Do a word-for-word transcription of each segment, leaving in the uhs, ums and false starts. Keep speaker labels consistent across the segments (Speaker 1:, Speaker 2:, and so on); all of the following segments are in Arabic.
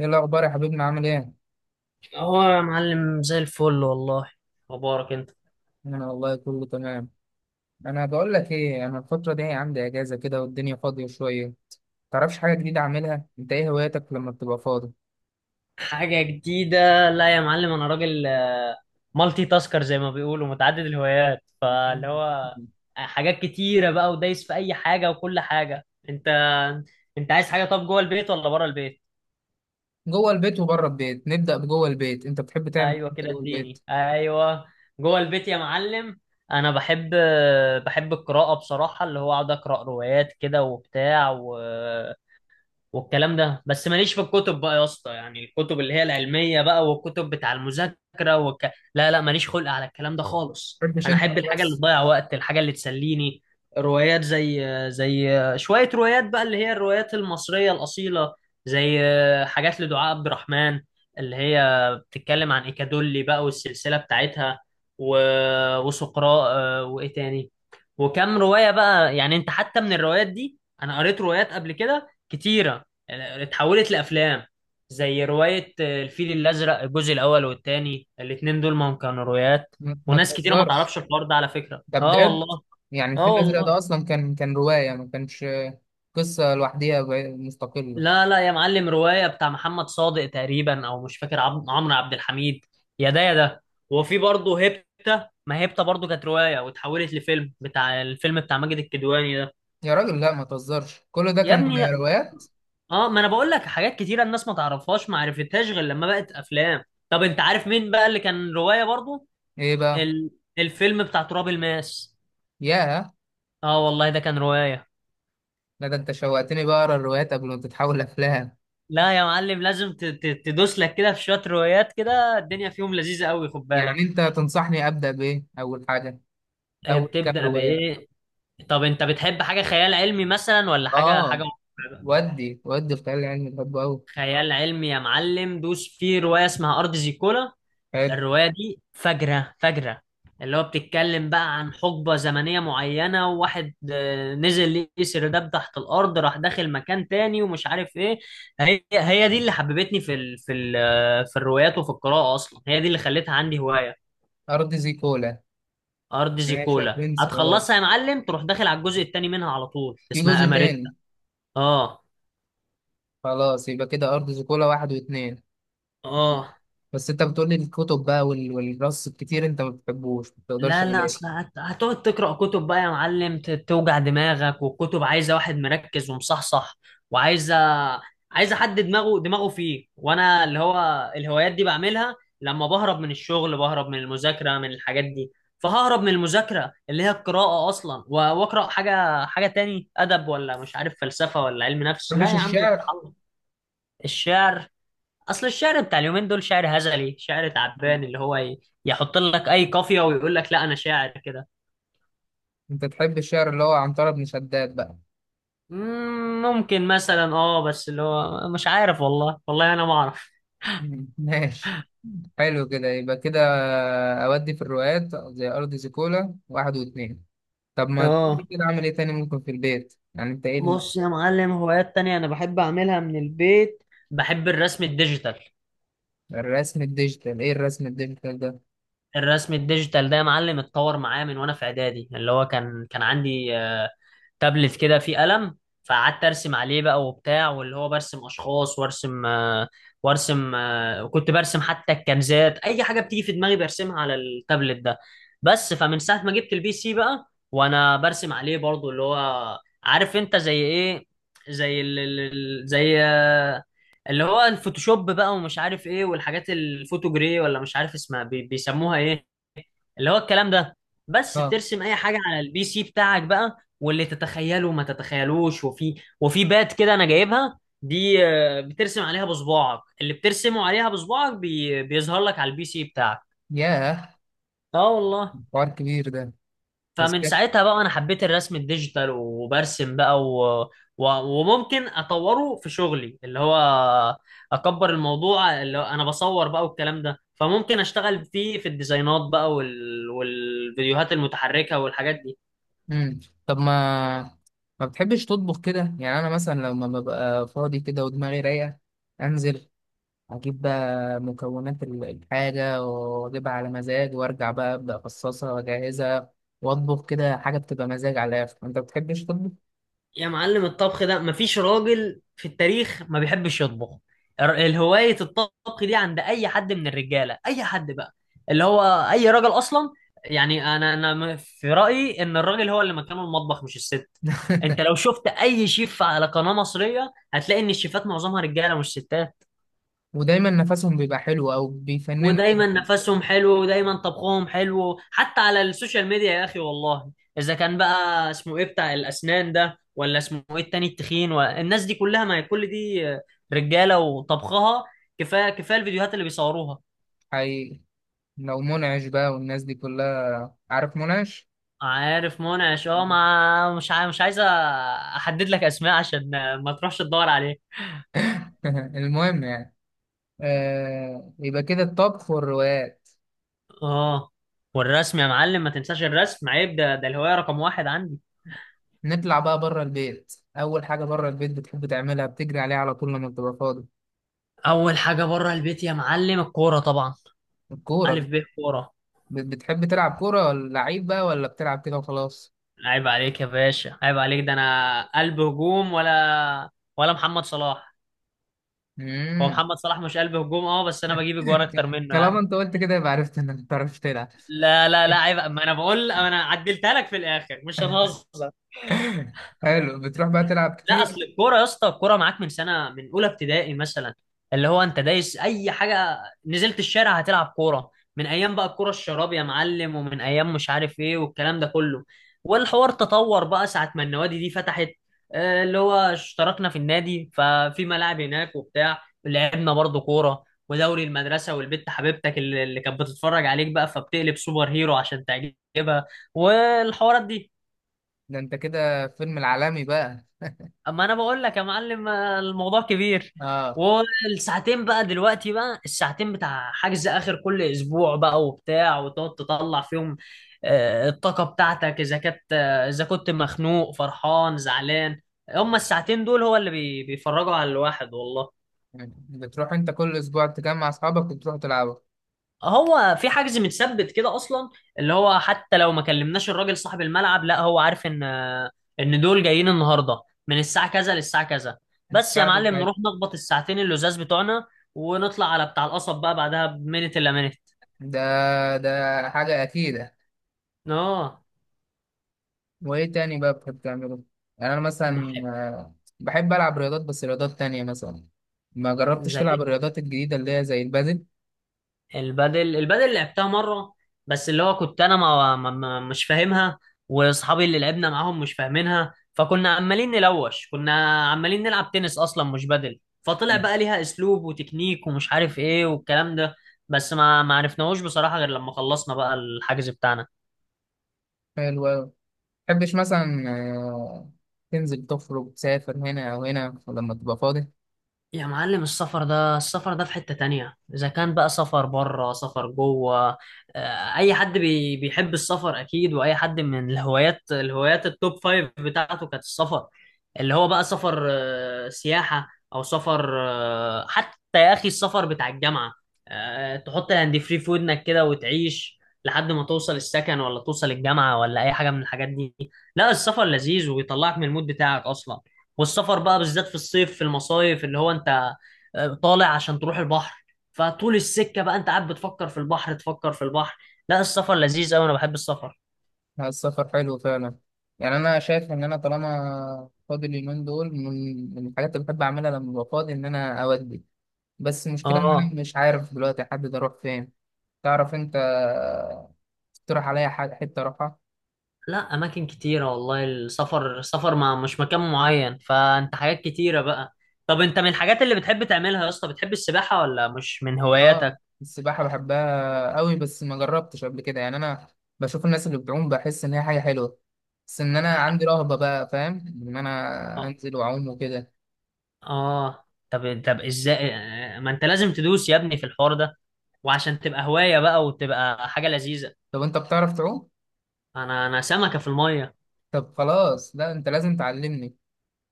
Speaker 1: ايه الاخبار يا حبيبنا عامل ايه؟
Speaker 2: هو يا معلم زي الفل والله. مبارك انت.
Speaker 1: انا والله كله تمام. انا بقول لك ايه، انا الفتره دي عندي اجازه كده والدنيا فاضيه شويه. تعرفش حاجه جديده اعملها؟ انت ايه هواياتك لما بتبقى فاضي؟
Speaker 2: حاجة جديدة؟ لا يا معلم، انا راجل آه، مالتي تاسكر زي ما بيقولوا، متعدد الهوايات، فاللي هو آه، حاجات كتيرة بقى ودايس في اي حاجة وكل حاجة. انت انت عايز حاجة طب جوه البيت ولا بره البيت؟
Speaker 1: جوه البيت وبره البيت، نبدا بجوه البيت، انت بتحب تعمل
Speaker 2: ايوه
Speaker 1: إيه
Speaker 2: كده،
Speaker 1: جوه البيت؟
Speaker 2: اديني ايوه. جوه البيت يا معلم، انا بحب، آه، بحب القراءة بصراحة، اللي هو اقعد اقرا روايات كده وبتاع و... والكلام ده. بس ماليش في الكتب بقى يا اسطى، يعني الكتب اللي هي العلمية بقى والكتب بتاع المذاكرة والك... لا لا، ماليش خلق على الكلام ده خالص.
Speaker 1: ما بتحبش
Speaker 2: انا
Speaker 1: انت
Speaker 2: احب الحاجة اللي
Speaker 1: خلاص.
Speaker 2: تضيع وقت، الحاجة اللي تسليني. روايات، زي زي شوية روايات بقى، اللي هي الروايات المصرية الأصيلة. زي حاجات لدعاء عبد الرحمن، اللي هي بتتكلم عن إيكادولي بقى والسلسلة بتاعتها، و... وسقراء، آه، وإيه تاني، وكم رواية بقى. يعني أنت حتى من الروايات دي، أنا قريت روايات قبل كده كتيرة يعني اتحولت لأفلام. زي رواية آه، الفيل الأزرق، الجزء الأول والتاني، الاتنين دول ما هم كانوا روايات.
Speaker 1: ما ما
Speaker 2: وناس كتيرة ما
Speaker 1: تهزرش،
Speaker 2: تعرفش الحوار ده على فكرة،
Speaker 1: ده
Speaker 2: اه
Speaker 1: بجد.
Speaker 2: والله.
Speaker 1: يعني الفيل
Speaker 2: اه
Speaker 1: الازرق
Speaker 2: والله.
Speaker 1: ده اصلا كان كان روايه ما كانش قصه لوحديها ب- مستقله؟
Speaker 2: لا لا يا معلم، رواية بتاع محمد صادق تقريبا، أو مش فاكر، عم- عمرو عبد الحميد، يا ده يا ده. وفي برضه هيبتا، ما هيبتا برضه كانت رواية واتحولت لفيلم، بتاع الفيلم بتاع ماجد الكدواني.
Speaker 1: يا راجل لا ما تهزرش، كل ده
Speaker 2: يا
Speaker 1: كان
Speaker 2: ابني
Speaker 1: روايات؟
Speaker 2: اه، ما انا بقول لك حاجات كتيره الناس ما تعرفهاش، ما عرفتهاش غير لما بقت افلام. طب انت عارف مين بقى اللي كان روايه برضو؟
Speaker 1: ايه بقى؟
Speaker 2: ال... الفيلم بتاع تراب الماس.
Speaker 1: ياه.
Speaker 2: اه والله ده كان روايه.
Speaker 1: لا ده انت شوقتني بقى اقرا الروايات قبل ما تتحول افلام.
Speaker 2: لا يا معلم، لازم ت... ت... تدوس لك كده في شويه روايات كده، الدنيا فيهم لذيذه قوي، خد بالك.
Speaker 1: يعني انت تنصحني ابدا بايه اول حاجه؟
Speaker 2: إيه،
Speaker 1: اول كام
Speaker 2: بتبدا
Speaker 1: روايه؟
Speaker 2: بايه؟ طب انت بتحب حاجه خيال علمي مثلا ولا حاجه
Speaker 1: اه.
Speaker 2: حاجه واقعية بقى؟
Speaker 1: ودي ودي الخيال العلمي بحبه قوي.
Speaker 2: خيال علمي يا معلم، دوس في روايه اسمها ارض زيكولا.
Speaker 1: حلو.
Speaker 2: الرواية دي فجرة فجرة، اللي هو بتتكلم بقى عن حقبة زمنية معينة، وواحد آه، نزل يسر دب تحت الأرض، راح داخل مكان تاني ومش عارف إيه. هي هي دي اللي حببتني في ال في ال آه، في الروايات وفي القراءة أصلا، هي دي اللي خلتها عندي هواية.
Speaker 1: ارض زيكولا.
Speaker 2: أرض
Speaker 1: ماشي يا
Speaker 2: زيكولا
Speaker 1: برنس، خلاص.
Speaker 2: هتخلصها يا معلم، تروح داخل على الجزء التاني منها على طول،
Speaker 1: في
Speaker 2: اسمها
Speaker 1: جزء
Speaker 2: أماريتا.
Speaker 1: تاني؟
Speaker 2: آه.
Speaker 1: خلاص يبقى كده، ارض زيكولا واحد واتنين.
Speaker 2: آه.
Speaker 1: بس انت بتقولي الكتب بقى وال- والرص الكتير انت ما بتحبوش، ما بتقدرش
Speaker 2: لا لا،
Speaker 1: عليه؟
Speaker 2: اصل هت- هتقعد تقرا كتب بقى يا معلم، ت- توجع دماغك، والكتب عايزه واحد مركز ومصحصح، وعايزه، عايزه حد دماغه دماغه فيه، وانا اللي هو الهوايات دي بعملها لما بهرب من الشغل، بهرب من المذاكره، من الحاجات دي. فههرب من المذاكره اللي هي القراءه اصلا و- واقرا حاجه حاجه تاني، ادب، ولا مش عارف، فلسفه، ولا علم
Speaker 1: ما
Speaker 2: نفس، لا
Speaker 1: بتحبش
Speaker 2: يا عم
Speaker 1: الشعر؟
Speaker 2: اتعلم. الشعر، اصل الشعر بتاع اليومين دول شعر هزلي، شعر تعبان، اللي هو ي- يحط لك اي قافيه ويقول لك لا انا شاعر كده.
Speaker 1: انت تحب الشعر اللي هو عنترة بن شداد بقى؟
Speaker 2: مم، ممكن مثلا اه، بس اللي هو مش عارف والله، والله انا ما اعرف.
Speaker 1: ماشي. حلو كده، يبقى كده. أودي في الرواقات زي أرض زيكولا واحد واتنين. طب ما تقولي
Speaker 2: اه،
Speaker 1: كده، أعمل إيه تاني ممكن في البيت؟ يعني أنت إيه ال-
Speaker 2: بص يا معلم، هوايات تانية انا بحب اعملها من البيت، بحب الرسم الديجيتال.
Speaker 1: الرسم الديجيتال؟ إيه الرسم الديجيتال ده؟
Speaker 2: الرسم الديجيتال ده يا معلم اتطور معايا من وانا في اعدادي، اللي هو كان كان عندي آه، تابلت كده فيه قلم، فقعدت ارسم عليه بقى وبتاع، واللي هو برسم اشخاص وارسم آه، وارسم آه، وكنت برسم حتى الكنزات، اي حاجه بتيجي في دماغي برسمها على التابلت ده. بس فمن ساعه ما جبت البي سي بقى، وانا برسم عليه برضو، اللي هو عارف انت زي ايه؟ زي ال ال- ال- زي آه، اللي هو الفوتوشوب بقى ومش عارف ايه، والحاجات الفوتو جري، ولا مش عارف اسمها، بي- بيسموها ايه، اللي هو الكلام ده. بس
Speaker 1: آه.
Speaker 2: ترسم اي حاجه على البي سي بتاعك بقى، واللي تتخيله ما تتخيلوش. وفي، وفي بات كده انا جايبها دي، آه، بترسم عليها بصباعك، اللي بترسمه عليها بصباعك بي... بيظهر لك على البي سي بتاعك.
Speaker 1: ياه.
Speaker 2: اه والله.
Speaker 1: حوار كبير ده. بس
Speaker 2: فمن
Speaker 1: كده؟
Speaker 2: ساعتها بقى انا حبيت الرسم الديجيتال، وبرسم بقى و... و... وممكن اطوره في شغلي، اللي هو اكبر الموضوع، اللي هو انا بصور بقى والكلام ده، فممكن اشتغل فيه في الديزاينات بقى وال... والفيديوهات المتحركة والحاجات دي.
Speaker 1: مم. طب ما، ما بتحبش تطبخ كده؟ يعني أنا مثلا لما ببقى فاضي كده ودماغي رايقة، أنزل اجيب بقى مكونات ال- الحاجه واجيبها على مزاج، وارجع بقى ابدا افصصها واجهزها واطبخ كده حاجه بتبقى مزاج على الاخر. انت بتحبش تطبخ؟
Speaker 2: يا معلم الطبخ ده، مفيش راجل في التاريخ ما بيحبش يطبخ. الر- الهواية الطبخ دي عند أي حد من الرجالة، أي حد بقى، اللي هو أي راجل أصلا. يعني أنا أنا م- في رأيي إن الراجل هو اللي مكانه المطبخ مش الست. أنت لو شفت أي شيف على قناة مصرية، هتلاقي إن الشيفات معظمها رجالة مش ستات.
Speaker 1: ودايما نفسهم بيبقى حلو او بيفننوا كده.
Speaker 2: ودايما نفسهم حلو، ودايما طبخهم حلو، حتى على السوشيال ميديا يا اخي والله. اذا كان بقى اسمه ايه بتاع الاسنان ده، ولا اسمه ايه التاني التخين، والناس دي كلها، ما هي كل دي رجاله وطبخها. كفايه كفايه الفيديوهات اللي بيصوروها.
Speaker 1: حقيقي. لو منعش بقى، والناس دي كلها، عارف منعش؟
Speaker 2: عارف منعش، اه، ما مش عاي... مش عايز احدد لك اسماء عشان ما تروحش تدور عليه.
Speaker 1: المهم يعني، آه يبقى كده الطبخ والروايات.
Speaker 2: اه، والرسم يا معلم ما تنساش الرسم، عيب، ده ده الهوايه رقم واحد عندي.
Speaker 1: نطلع بقى بره البيت، اول حاجه بره البيت بتحب تعملها بتجري عليها على طول لما بتبقى فاضي؟
Speaker 2: اول حاجه بره البيت يا معلم الكوره طبعا. الف
Speaker 1: الكوره؟
Speaker 2: ب كوره.
Speaker 1: بت- بتحب تلعب كورة ولا لعيب بقى ولا بتلعب كده وخلاص؟
Speaker 2: عيب عليك يا باشا، عيب عليك، ده انا قلب هجوم ولا، ولا محمد صلاح. هو
Speaker 1: مم.
Speaker 2: محمد صلاح مش قلب هجوم؟ اه، بس انا بجيب اجوار اكتر منه
Speaker 1: طالما
Speaker 2: يعني.
Speaker 1: انت قلت كده يبقى عرفت انك ما بتعرفش تلعب.
Speaker 2: لا لا لا عيب، ما انا بقول، انا عدلتها لك في الاخر، مش هنهزر.
Speaker 1: حلو. بتروح بقى تلعب
Speaker 2: لا
Speaker 1: كتير؟
Speaker 2: اصل الكوره يا اسطى، الكوره معاك من سنه، من اولى ابتدائي مثلا، اللي هو انت دايس اي حاجه، نزلت الشارع هتلعب كوره، من ايام بقى الكوره الشراب يا معلم، ومن ايام مش عارف ايه والكلام ده كله. والحوار تطور بقى ساعه ما النوادي دي فتحت، آه، اللي هو اشتركنا في النادي ففي ملاعب هناك وبتاع، لعبنا برضو كوره، ودوري المدرسه، والبت حبيبتك اللي اللي كانت بتتفرج عليك بقى، فبتقلب سوبر هيرو عشان تعجبها، والحوارات دي.
Speaker 1: ده انت كده فيلم العالمي بقى.
Speaker 2: اما انا بقول لك يا معلم، آه، الموضوع كبير.
Speaker 1: اه.
Speaker 2: والساعتين بقى دلوقتي بقى، الساعتين بتاع حجز اخر كل اسبوع بقى وبتاع، وتقعد تطلع فيهم آه، الطاقة بتاعتك، اذا كنت آه، اذا كنت مخنوق، فرحان، زعلان، هما الساعتين دول هو اللي بي- بيفرجوا على الواحد والله.
Speaker 1: بتروح انت كل اسبوع تجمع اصحابك وتروح تلعبوا؟
Speaker 2: هو في حجز متثبت كده اصلا، اللي هو حتى لو ما كلمناش الراجل صاحب الملعب، لا هو عارف ان، ان دول جايين النهارده من الساعه كذا للساعه كذا. بس يا
Speaker 1: الساعة دي
Speaker 2: معلم،
Speaker 1: بتاعت.
Speaker 2: نروح نخبط الساعتين اللزاز بتوعنا، ونطلع على بتاع القصب بقى بعدها بمينت الا مينت.
Speaker 1: ده، ده حاجة أكيدة.
Speaker 2: اه،
Speaker 1: وإيه تاني بقى بتحب تعمله؟ يعني أنا مثلا
Speaker 2: بحب،
Speaker 1: آه، بحب ألعب رياضات، بس رياضات تانية مثلا. ما جربتش تلعب
Speaker 2: زي
Speaker 1: الرياضات الجديدة اللي هي زي البادل؟
Speaker 2: البادل. البادل لعبتها مرة، بس اللي هو كنت انا ما ما- ما- مش فاهمها، واصحابي اللي لعبنا معاهم مش فاهمينها، فكنا عمالين نلوش، كنا عمالين نلعب تنس اصلا مش بادل. فطلع بقى ليها اسلوب وتكنيك ومش عارف ايه والكلام ده، بس ما ما عرفناهوش بصراحة غير لما خلصنا بقى الحجز بتاعنا.
Speaker 1: حلو أوي. متحبش مثلا آه، تنزل تخرج تسافر هنا أو هنا لما تبقى فاضي؟
Speaker 2: يا معلم السفر ده، السفر ده في حتة تانية، إذا كان بقى سفر بره سفر جوه، آه، أي حد بي بيحب السفر أكيد، وأي حد من الهوايات، الهوايات التوب فايف بتاعته كانت السفر. اللي هو بقى سفر آه، سياحة، أو سفر آه، حتى يا أخي السفر بتاع الجامعة، آه، تحط الهاند فري في ودنك كده وتعيش لحد ما توصل السكن ولا توصل الجامعة ولا أي حاجة من الحاجات دي. لا السفر لذيذ، ويطلعك من المود بتاعك أصلا. والسفر بقى بالذات في الصيف، في المصايف، اللي هو انت آه، طالع عشان تروح البحر، فطول السكة بقى انت قاعد بتفكر في البحر، تفكر في البحر. لا السفر لذيذ قوي، انا بحب السفر.
Speaker 1: لا، السفر حلو فعلا. يعني أنا شايف إن أنا طالما فاضي اليومين دول، من من الحاجات اللي بحب أعملها لما ببقى فاضي إن أنا أودي. بس المشكلة إن أنا
Speaker 2: اه،
Speaker 1: مش عارف دلوقتي أحدد أروح فين. تعرف أنت آه، تقترح عليا ح- حتة أروحها؟
Speaker 2: لا اماكن كتيرة والله. السفر، السفر ما مش مكان معين، فانت حاجات كتيرة بقى. طب انت من الحاجات اللي بتحب تعملها يا اسطى، بتحب السباحة ولا مش من
Speaker 1: اه.
Speaker 2: هواياتك؟
Speaker 1: السباحة بحبها قوي، بس ما جربتش قبل كده. يعني انا بشوف الناس اللي بتعوم بحس ان هي حاجة حلوة، بس ان انا عندي
Speaker 2: ح-
Speaker 1: رهبة بقى، فاهم؟ ان
Speaker 2: اه.
Speaker 1: انا انزل واعوم وكده.
Speaker 2: آه. طب طب ازاي آه، ما انت لازم تدوس يا ابني في الحوار ده، وعشان تبقى هواية بقى وتبقى حاجة لذيذة.
Speaker 1: طب انت بتعرف تعوم؟
Speaker 2: انا انا سمكه في الميه.
Speaker 1: طب خلاص، لا انت لازم تعلمني.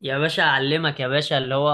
Speaker 2: يا باشا اعلمك يا باشا، اللي هو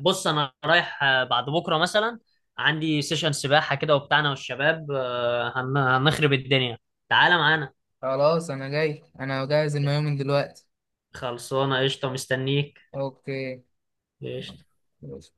Speaker 2: بص، انا رايح آه، بعد بكره مثلا عندي سيشن سباحه كده وبتاعنا، والشباب آه، هن- هنخرب الدنيا، تعالى معانا.
Speaker 1: خلاص انا جاي، انا جاهز المايوه من دلوقتي.
Speaker 2: خلصانه قشطه، مستنيك، قشطه.
Speaker 1: اوكي.